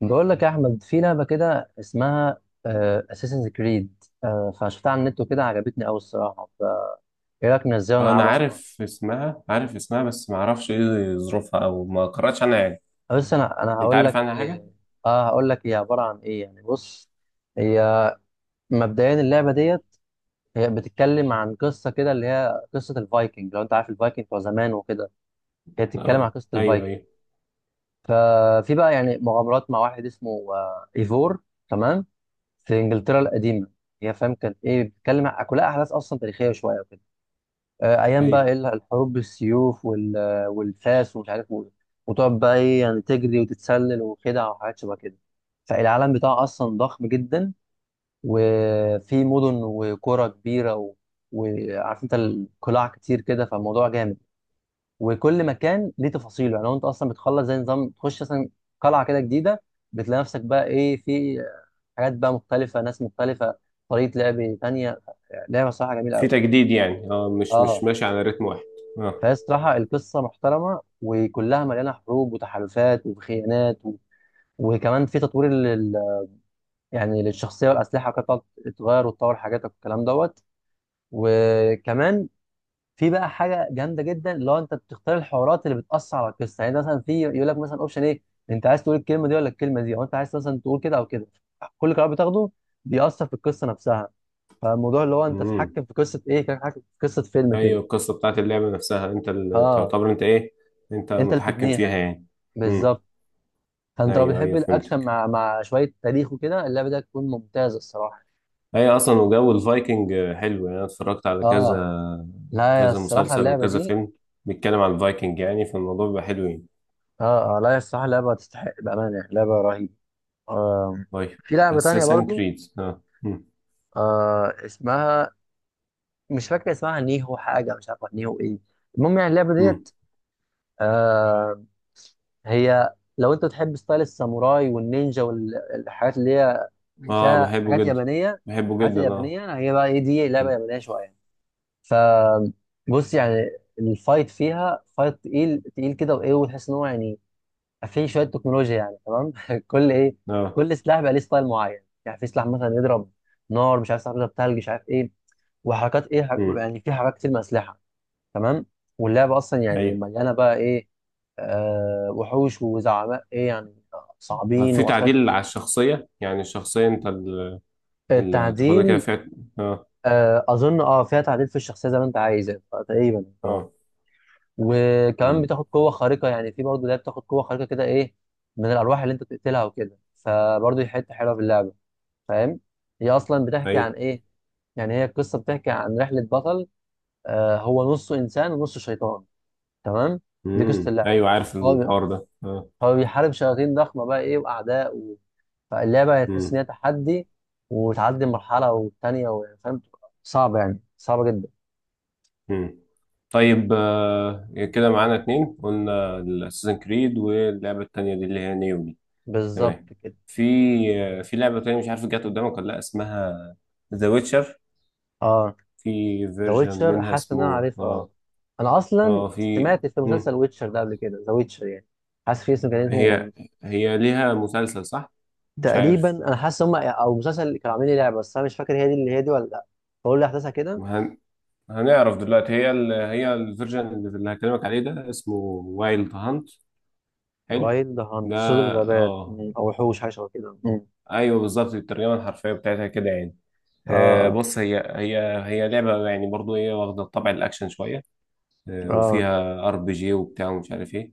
بقول لك يا احمد، في لعبه كده اسمها اساسنز كريد، فشفتها على النت وكده، عجبتني قوي الصراحه. فايه رايك ننزلها انا ونلعبها سوا؟ عارف اسمها بس ما اعرفش ايه ظروفها او ما قرأتش عنها يعني. بس انا انت هقول عارف لك عنها حاجه؟ اه. هقول لك هي عباره عن ايه. يعني بص، هي مبدئيا اللعبه ديت هي بتتكلم عن قصه كده، اللي هي قصه الفايكنج. لو انت عارف الفايكنج بتوع زمان وكده، هي بتتكلم عن اه قصه ايوه الفايكنج. ايوه ففي بقى يعني مغامرات مع واحد اسمه ايفور، تمام، في انجلترا القديمه. هي فاهم كانت ايه، كلها احداث اصلا تاريخيه شويه وكده. ايام بقى ايوه. ايه الحروب بالسيوف والفاس ومش عارف وتقعد بقى ايه يعني تجري وتتسلل وخدع وحاجات شبه كده. فالعالم بتاعه اصلا ضخم جدا، وفي مدن وقرى كبيره و... وعارف انت القلاع كتير كده، فالموضوع جامد. وكل مكان ليه تفاصيله. يعني لو انت اصلا بتخلص زي نظام، تخش مثلا قلعه كده جديده، بتلاقي نفسك بقى ايه في حاجات بقى مختلفه، ناس مختلفه، طريقه لعب تانيه. لعبه صراحه جميله في قوي. تجديد، يعني مش اه. ماشي على رتم واحد. اه. فهي الصراحة القصة محترمة، وكلها مليانة حروب وتحالفات وخيانات و... وكمان في تطوير لل... يعني للشخصية والأسلحة وكده، بتقعد تتغير وتطور حاجاتك والكلام دوت. وكمان في بقى حاجة جامدة جدا، اللي هو أنت بتختار الحوارات اللي بتأثر على القصة. يعني أنت مثلا في يقول لك مثلا أوبشن إيه، أنت عايز تقول الكلمة دي ولا الكلمة دي، أو أنت عايز مثلا تقول كده أو كده. كل قرار بتاخده بيأثر في القصة نفسها. فالموضوع اللي هو أنت امم تتحكم في قصة إيه، كأنك تتحكم في قصة فيلم كده. ايوه، القصه بتاعت اللعبه نفسها انت اللي أه. تعتبر انت ايه؟ انت أنت اللي متحكم بتبنيها، فيها يعني. امم بالظبط. فانت لو ايوه بتحب ايوه، الاكشن فهمتك. مع شويه تاريخ وكده، اللعبه دي هتكون ممتازه الصراحه. ايوه اصلا، وجو الفايكنج حلو يعني، انا اتفرجت على كذا اه. لا يا كذا الصراحه مسلسل اللعبه وكذا دي، فيلم بيتكلم عن الفايكنج، يعني فالموضوع بيبقى حلو يعني. لا يا الصراحه اللعبه تستحق بامانه، يعني لعبه رهيبه. آه طيب. في لعبه تانية اساسن برضو. كريد، اه. مم. اسمها مش فاكر اسمها، نيهو حاجه، مش عارفه نيهو ايه. المهم يعني اللعبه مم. ديت، آه هي لو انت بتحب ستايل الساموراي والنينجا والحاجات اللي هي اه فيها بحبه حاجات جدا، يابانيه. بحبه الحاجات جدا، اه. اليابانيه هي بقى ايه، دي لعبه مم. يابانيه شويه. فبص يعني، الفايت فيها فايت تقيل تقيل كده وايه، وتحس ان هو يعني فيه شويه تكنولوجيا يعني، تمام. كل ايه، اه. كل سلاح بقى ليه ستايل معين. يعني في سلاح مثلا يضرب نار، مش عارف، سلاح يضرب ثلج، مش عارف ايه. وحركات ايه مم. يعني في حركات كتير من الاسلحه. تمام. واللعبه اصلا يعني ايوه. مليانه بقى ايه، وحوش وزعماء ايه يعني، طب صعبين، في واسرار تعديل كتير. على الشخصية، يعني الشخصية انت اللي تاخدها كده التعديل، فيها. اه اظن اه فيها تعديل في الشخصيه زي ما انت عايز يعني، تقريبا اه. اه. وكمان مم. بتاخد قوة خارقة، يعني في برضه ده بتاخد قوة خارقة كده ايه، من الأرواح اللي انت بتقتلها وكده، فبرضه دي حتة حلوة في اللعبة. فاهم، هي أصلا بتحكي عن ايوه. ايه؟ يعني هي القصة بتحكي عن رحلة بطل، هو نصه إنسان ونصه شيطان، تمام. دي قصة مم. اللعبة. ايوه عارف هو بي- الحوار ده، اه. هو بيحارب شياطين ضخمة بقى ايه وأعداء و... فاللعبة هتحس مم. إن هي تحدي، وتعدي مرحلة والتانية فاهم، صعبة يعني صعبة جدا. مم. طيب، كده معانا اتنين، قلنا الاساسن كريد واللعبة التانية دي اللي هي نيو دي. تمام. بالظبط كده. في في لعبة تانية، مش عارف جت قدامك ولا لا، اسمها ذا ويتشر. اه. في ذا فيرجن ويتشر، منها حاسس ان انا اسمه عارفها اه. انا اصلا اه. في. سمعت في مسلسل مم. ويتشر ده قبل كده، ذا ويتشر يعني. حاسس في اسم كان اسمه هي وورد. هي ليها مسلسل، صح؟ مش تقريبا عارف. انا حاسس هم او مسلسل اللي كانوا عاملين لي لعبه، بس انا مش فاكر هي دي اللي هي دي ولا لا. بقول لي احداثها كده. هن... هنعرف دلوقتي، هي الفيرجن اللي هكلمك عليه ده اسمه وايلد هانت. حلو وايلد هانت، ده. صيد الغابات، اه او وحوش، حاجه شبه كده. مم. ايوه، بالظبط، الترجمه الحرفيه بتاعتها كده يعني. اه، بص، هي لعبه يعني، برضو هي واخده طبع الاكشن شويه. اه، وفيها ار بي جي وبتاع ومش عارف ايه.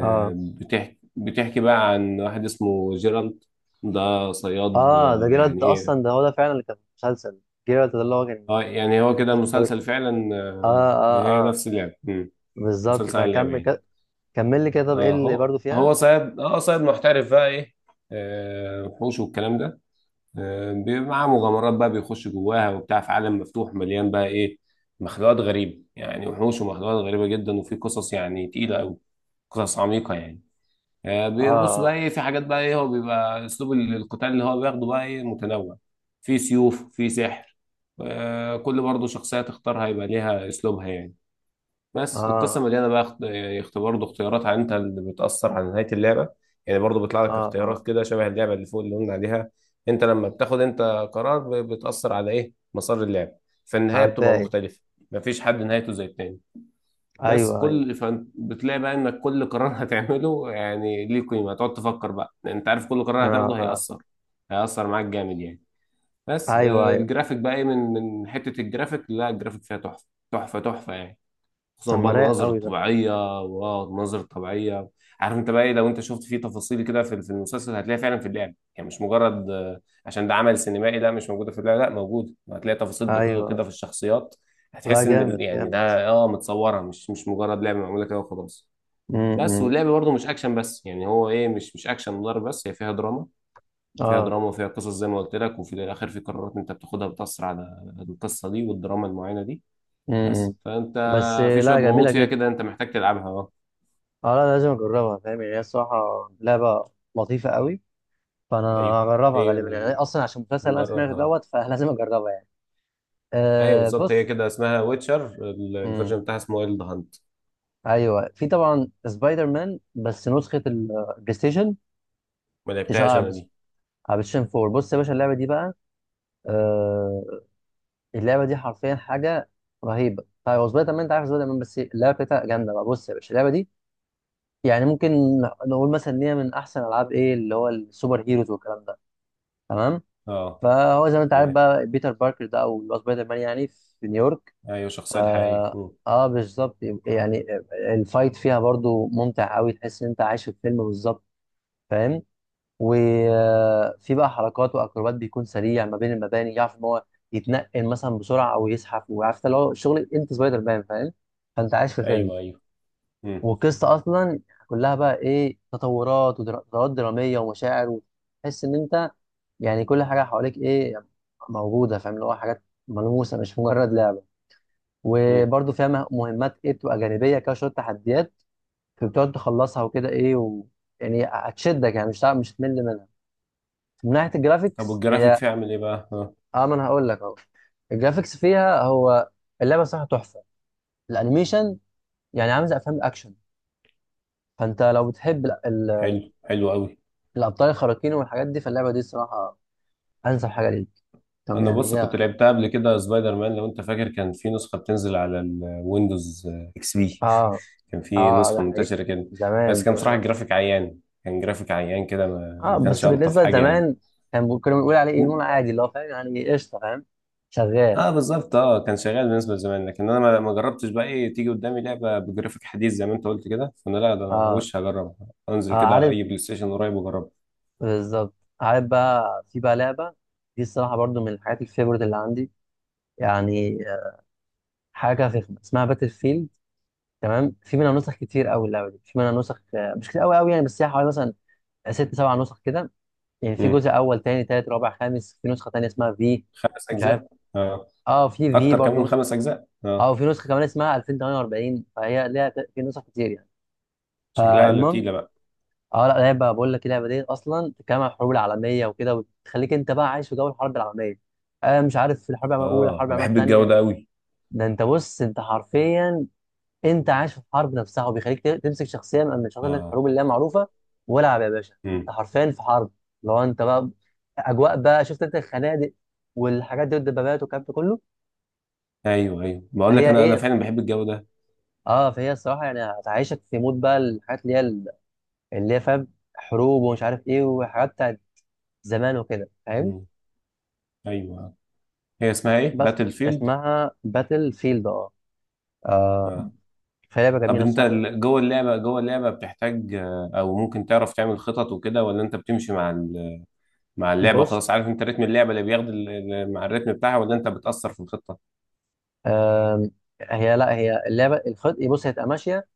اه، بتحكي بقى عن واحد اسمه جيرالد. ده صياد اه. ده جيرالد يعني ده اصلا ايه. ده هو ده فعلا اللي كان في المسلسل. جيرالد ده اللي هو كان اه يعني هو في كده مسلسل ذا ويتشر. المسلسل فعلا، اه، اه، هي اه. نفس اللعبة. مم. بالظبط، مسلسل عن اللعبة فكمل يعني. كده. كمل لي كده، طب ايه اه اللي هو برضه فيها. هو صياد اه صياد محترف بقى ايه. وحوش والكلام ده. بيبقى معاه مغامرات بقى، بيخش جواها وبتاع في عالم مفتوح مليان بقى ايه، مخلوقات غريبة، يعني وحوش ومخلوقات غريبة جدا، وفي قصص يعني تقيلة أوي، قصص عميقة يعني. بيبص بقى اه، ايه، في حاجات بقى ايه، هو بيبقى اسلوب القتال اللي هو بياخده بقى ايه متنوع. في سيوف، في سحر. كل برضه شخصية تختارها يبقى ليها اسلوبها يعني. بس القصة اه، مليانة بقى برضه اختيارات، عن انت اللي بتأثر على نهاية اللعبة. يعني برضه بيطلع اه، لك اه، اه، اختيارات كده شبه اللعبة اللي فوق اللي قلنا عليها. انت لما بتاخد انت قرار، بتأثر على ايه مسار اللعبة، فالنهاية على بتبقى الباقي. مختلفة، مفيش حد نهايته زي التاني. بس ايوه، ايوه، فبتلاقي بقى انك كل قرار هتعمله يعني ليه قيمه، هتقعد تفكر بقى، لان انت عارف كل اه، قرار هتاخده اه. هيأثر معاك جامد يعني. بس ايوه، ايوه. الجرافيك بقى ايه، من حته الجرافيك، لا الجرافيك فيها تحفه، تحفه تحفه يعني. طب خصوصا بقى ما رايق المناظر قوي ده. الطبيعيه، واو المناظر الطبيعيه. عارف انت بقى ايه، لو انت شفت فيه تفاصيل كده في المسلسل هتلاقيها فعلا في اللعب، يعني مش مجرد، عشان ده عمل سينمائي، ده مش موجوده في اللعب، لا موجود، هتلاقي تفاصيل ايوه، دقيقه كده في ايوه. الشخصيات. لا، هتحس ان جامد يعني جامد. ده متصوره، مش مجرد لعبه معموله كده وخلاص. بس امم. واللعب برضه مش اكشن بس، يعني هو ايه، مش اكشن ضرب بس، هي فيها دراما، فيها اه. دراما وفيها قصص زي ما قلت لك، وفي الاخر في قرارات انت بتاخدها بتأثر على القصه دي والدراما المعينه دي. امم. بس فانت بس في شويه لا، غموض جميله فيها جدا. كده، انت محتاج تلعبها، اه. اه، لا لازم اجربها. فاهم يعني، هي الصراحه لعبه لطيفه قوي. فانا ايوه. هجربها هي غالبا يعني، اصلا عشان المسلسل اللي انا سمعته نجربها. دوت، فلازم اجربها يعني. ايوه، بالظبط، هي بص. كده اسمها ويتشر، امم. الفيرجن بتاعها اسمه وايلد هانت. ايوه، في طبعا سبايدر مان، بس نسخه البلاي ستيشن، ما تشتغل على لعبتهاش انا البلاي دي. ستيشن 4. بص يا باشا، اللعبه دي بقى، آه، اللعبه دي حرفيا حاجه رهيبه. طيب، هو سبايدر مان، انت عارف سبايدر مان، بس اللعبه بتاعتها جامده بقى. بص يا باشا، اللعبه دي يعني ممكن نقول مثلا ان هي من احسن العاب ايه، اللي هو السوبر هيروز والكلام ده، تمام. اه فهو زي ما انت عارف تمام. بقى بيتر باركر ده، او اللي هو سبايدر مان يعني، في نيويورك. ايوه ف، الشخصيه الحقيقيه. مم. اه بالظبط. يعني الفايت فيها برضو ممتع قوي، تحس ان انت عايش في فيلم بالظبط. فاهم، وفي بقى حركات واكروبات، بيكون سريع ما بين المباني، يعرف ان هو يتنقل مثلا بسرعه، او يزحف، وعارف اللي هو شغل انت سبايدر مان. فاهم، فانت عايش في فيلم. ايوه ايوه. مم. والقصه اصلا كلها بقى ايه تطورات، وتطورات دراميه ومشاعر، وتحس ان انت يعني كل حاجه حواليك ايه موجوده. فاهم، اللي هو حاجات ملموسه، مش مجرد لعبه. مم. وبرده فيها مهمات ايه بتبقى جانبيه كده، شويه تحديات بتقعد تخلصها وكده ايه و... يعني هتشدك، يعني مش هتمل منها. من ناحيه طب الجرافيكس والجرافيك هي، فيها عامل ايه بقى، اه. اه ما انا هقول لك اهو. الجرافيكس فيها هو، اللعبه صراحه تحفه. الانيميشن يعني عامل زي افلام الاكشن. فانت لو بتحب حلو، حلو قوي. الابطال الخارقين والحاجات دي، فاللعبه دي صراحه انسب حاجه ليك. طب انا يعني بص، كنت هي، لعبتها قبل كده سبايدر مان، لو انت فاكر كان في نسخه بتنزل على الويندوز اكس بي، اه. كان في اه ده نسخة حقيقي، منتشرة كده. بس زمان كان زمان بصراحة اه. الجرافيك عيان، كان جرافيك عيان كده، ما كانش بس ألطف بالنسبه حاجة يعني. لزمان، كان كنا بنقول عليه ايه، نقول عادي اللي هو فاهم يعني، قشطه فاهم، شغال. اه بالظبط، اه كان شغال بالنسبة لزمان، لكن انا ما جربتش بقى ايه، تيجي قدامي لعبة بجرافيك حديث زي ما انت قلت كده، فانا لا ده، أنا اه، وش هجربها، اه انزل كده عارف، اي بلاي ستيشن قريب واجربها. بالظبط. عارف بقى، في بقى لعبه دي الصراحه برضو من الحاجات الفيفورت اللي عندي، يعني حاجه فخمه، اسمها باتل فيلد، تمام. في منها نسخ كتير قوي، اللعبه دي في منها نسخ مش كتير قوي قوي يعني، بس هي حوالي مثلا ست سبع نسخ كده يعني. في امم جزء اول، تاني، تالت، رابع، خامس. في نسخه تانيه اسمها، في خمس مش عارف، اجزاء، اه. اه في في اكتر كمان برضه من نسخه، خمس اجزاء، اه اه. وفي نسخه كمان اسمها 2048. فهي ليها في نسخ كتير يعني. شكلها فالمهم لطيلة بقى. اه، لا لعبه بقول لك، اللعبه دي اصلا بتتكلم عن الحروب العالميه وكده، وتخليك انت بقى عايش في جو الحرب العالميه. مش عارف، في الحرب العالميه الاولى، اه الحرب انا العالميه بحب الجو الثانيه. ده قوي. ده انت بص، انت حرفيا انت عايش في الحرب نفسها، وبيخليك تمسك شخصيه من شخصيات اه. الحروب اللي هي معروفه. والعب يا باشا، انت امم. حرفيا في حرب. لو انت بقى اجواء بقى، شفت انت الخنادق والحاجات دي، والدبابات والكلام ده كله. ايوه ايوه بقول لك، فهي انا ايه، فعلا بحب الجو ده. اه فهي الصراحه يعني هتعيشك في مود بقى الحاجات اللي هي اللي هي فاهم، حروب ومش عارف ايه، وحاجات بتاعت زمان وكده فاهم. امم. ايوه، هي اسمها ايه، بس باتل فيلد. اسمها باتل فيلد اه، فهي لعبه طب جميله انت الصراحه. جوه اللعبة بتحتاج، او ممكن تعرف تعمل خطط وكده، ولا انت بتمشي مع اللعبة بص، وخلاص؟ عارف انت رتم اللعبة اللي بياخد مع الرتم بتاعها، ولا انت بتأثر في الخطة؟ آم، هي لا هي اللعبه الخط، بص هي تبقى ماشيه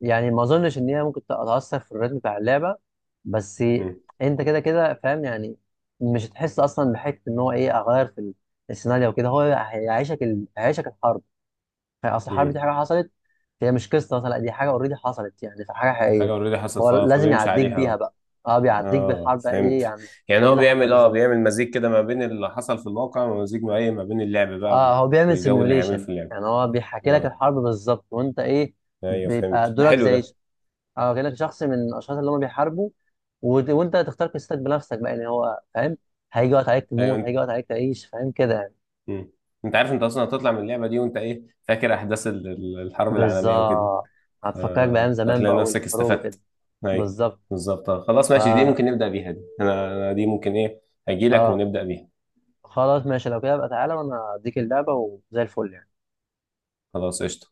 يعني. ما اظنش ان هي ممكن تتاثر في الريتم بتاع اللعبه، بس مم. انت كده كده فاهم يعني. مش هتحس اصلا بحته ان هو ايه اغير في السيناريو وكده. هو هيعيشك ال... هيعيشك الحرب. يعني اصل الحرب مم. دي حاجه حصلت، هي مش قصه مثلا، لا دي حاجه اوريدي حصلت، يعني في حاجه حاجة حقيقيه، اوريدي حصلت، هو لازم فبيمشي يعديك عليها بيها اه. بقى. اه، بيعديك اه بالحرب بقى ايه فهمت. يعني. يعني ايه هو اللي حصل بيعمل بالظبط. بيعمل مزيج كده ما بين اللي حصل في الواقع، ومزيج ما ايه ما بين اللعب بقى اه هو بيعمل والجو اللي هيعمله في سيميوليشن، اللعبة. يعني هو بيحكي لك اه الحرب بالظبط، وانت ايه ايوه بيبقى فهمت، ده دورك حلو زي ده. اه كانك شخص من الاشخاص اللي هم بيحاربوا. وانت تختار قصتك بنفسك بقى يعني هو فاهم. هيجي وقت عليك ايوه تموت، انت. هيجي وقت عليك تعيش، فاهم كده يعني. مم. انت عارف انت اصلا هتطلع من اللعبة دي وانت ايه، فاكر احداث الحرب العالمية وكده. بالظبط، هتفكرك بأيام زمان هتلاقي بقى نفسك والحروب استفدت. وكده. اي بالظبط. بالظبط، خلاص ماشي، دي فا، ممكن نبدأ بيها، دي انا دي ممكن ايه اجي لك اه ونبدأ بيها. خلاص، ماشي لو كده بقى، تعالى وانا اديك اللعبة وزي الفل يعني. خلاص قشطة.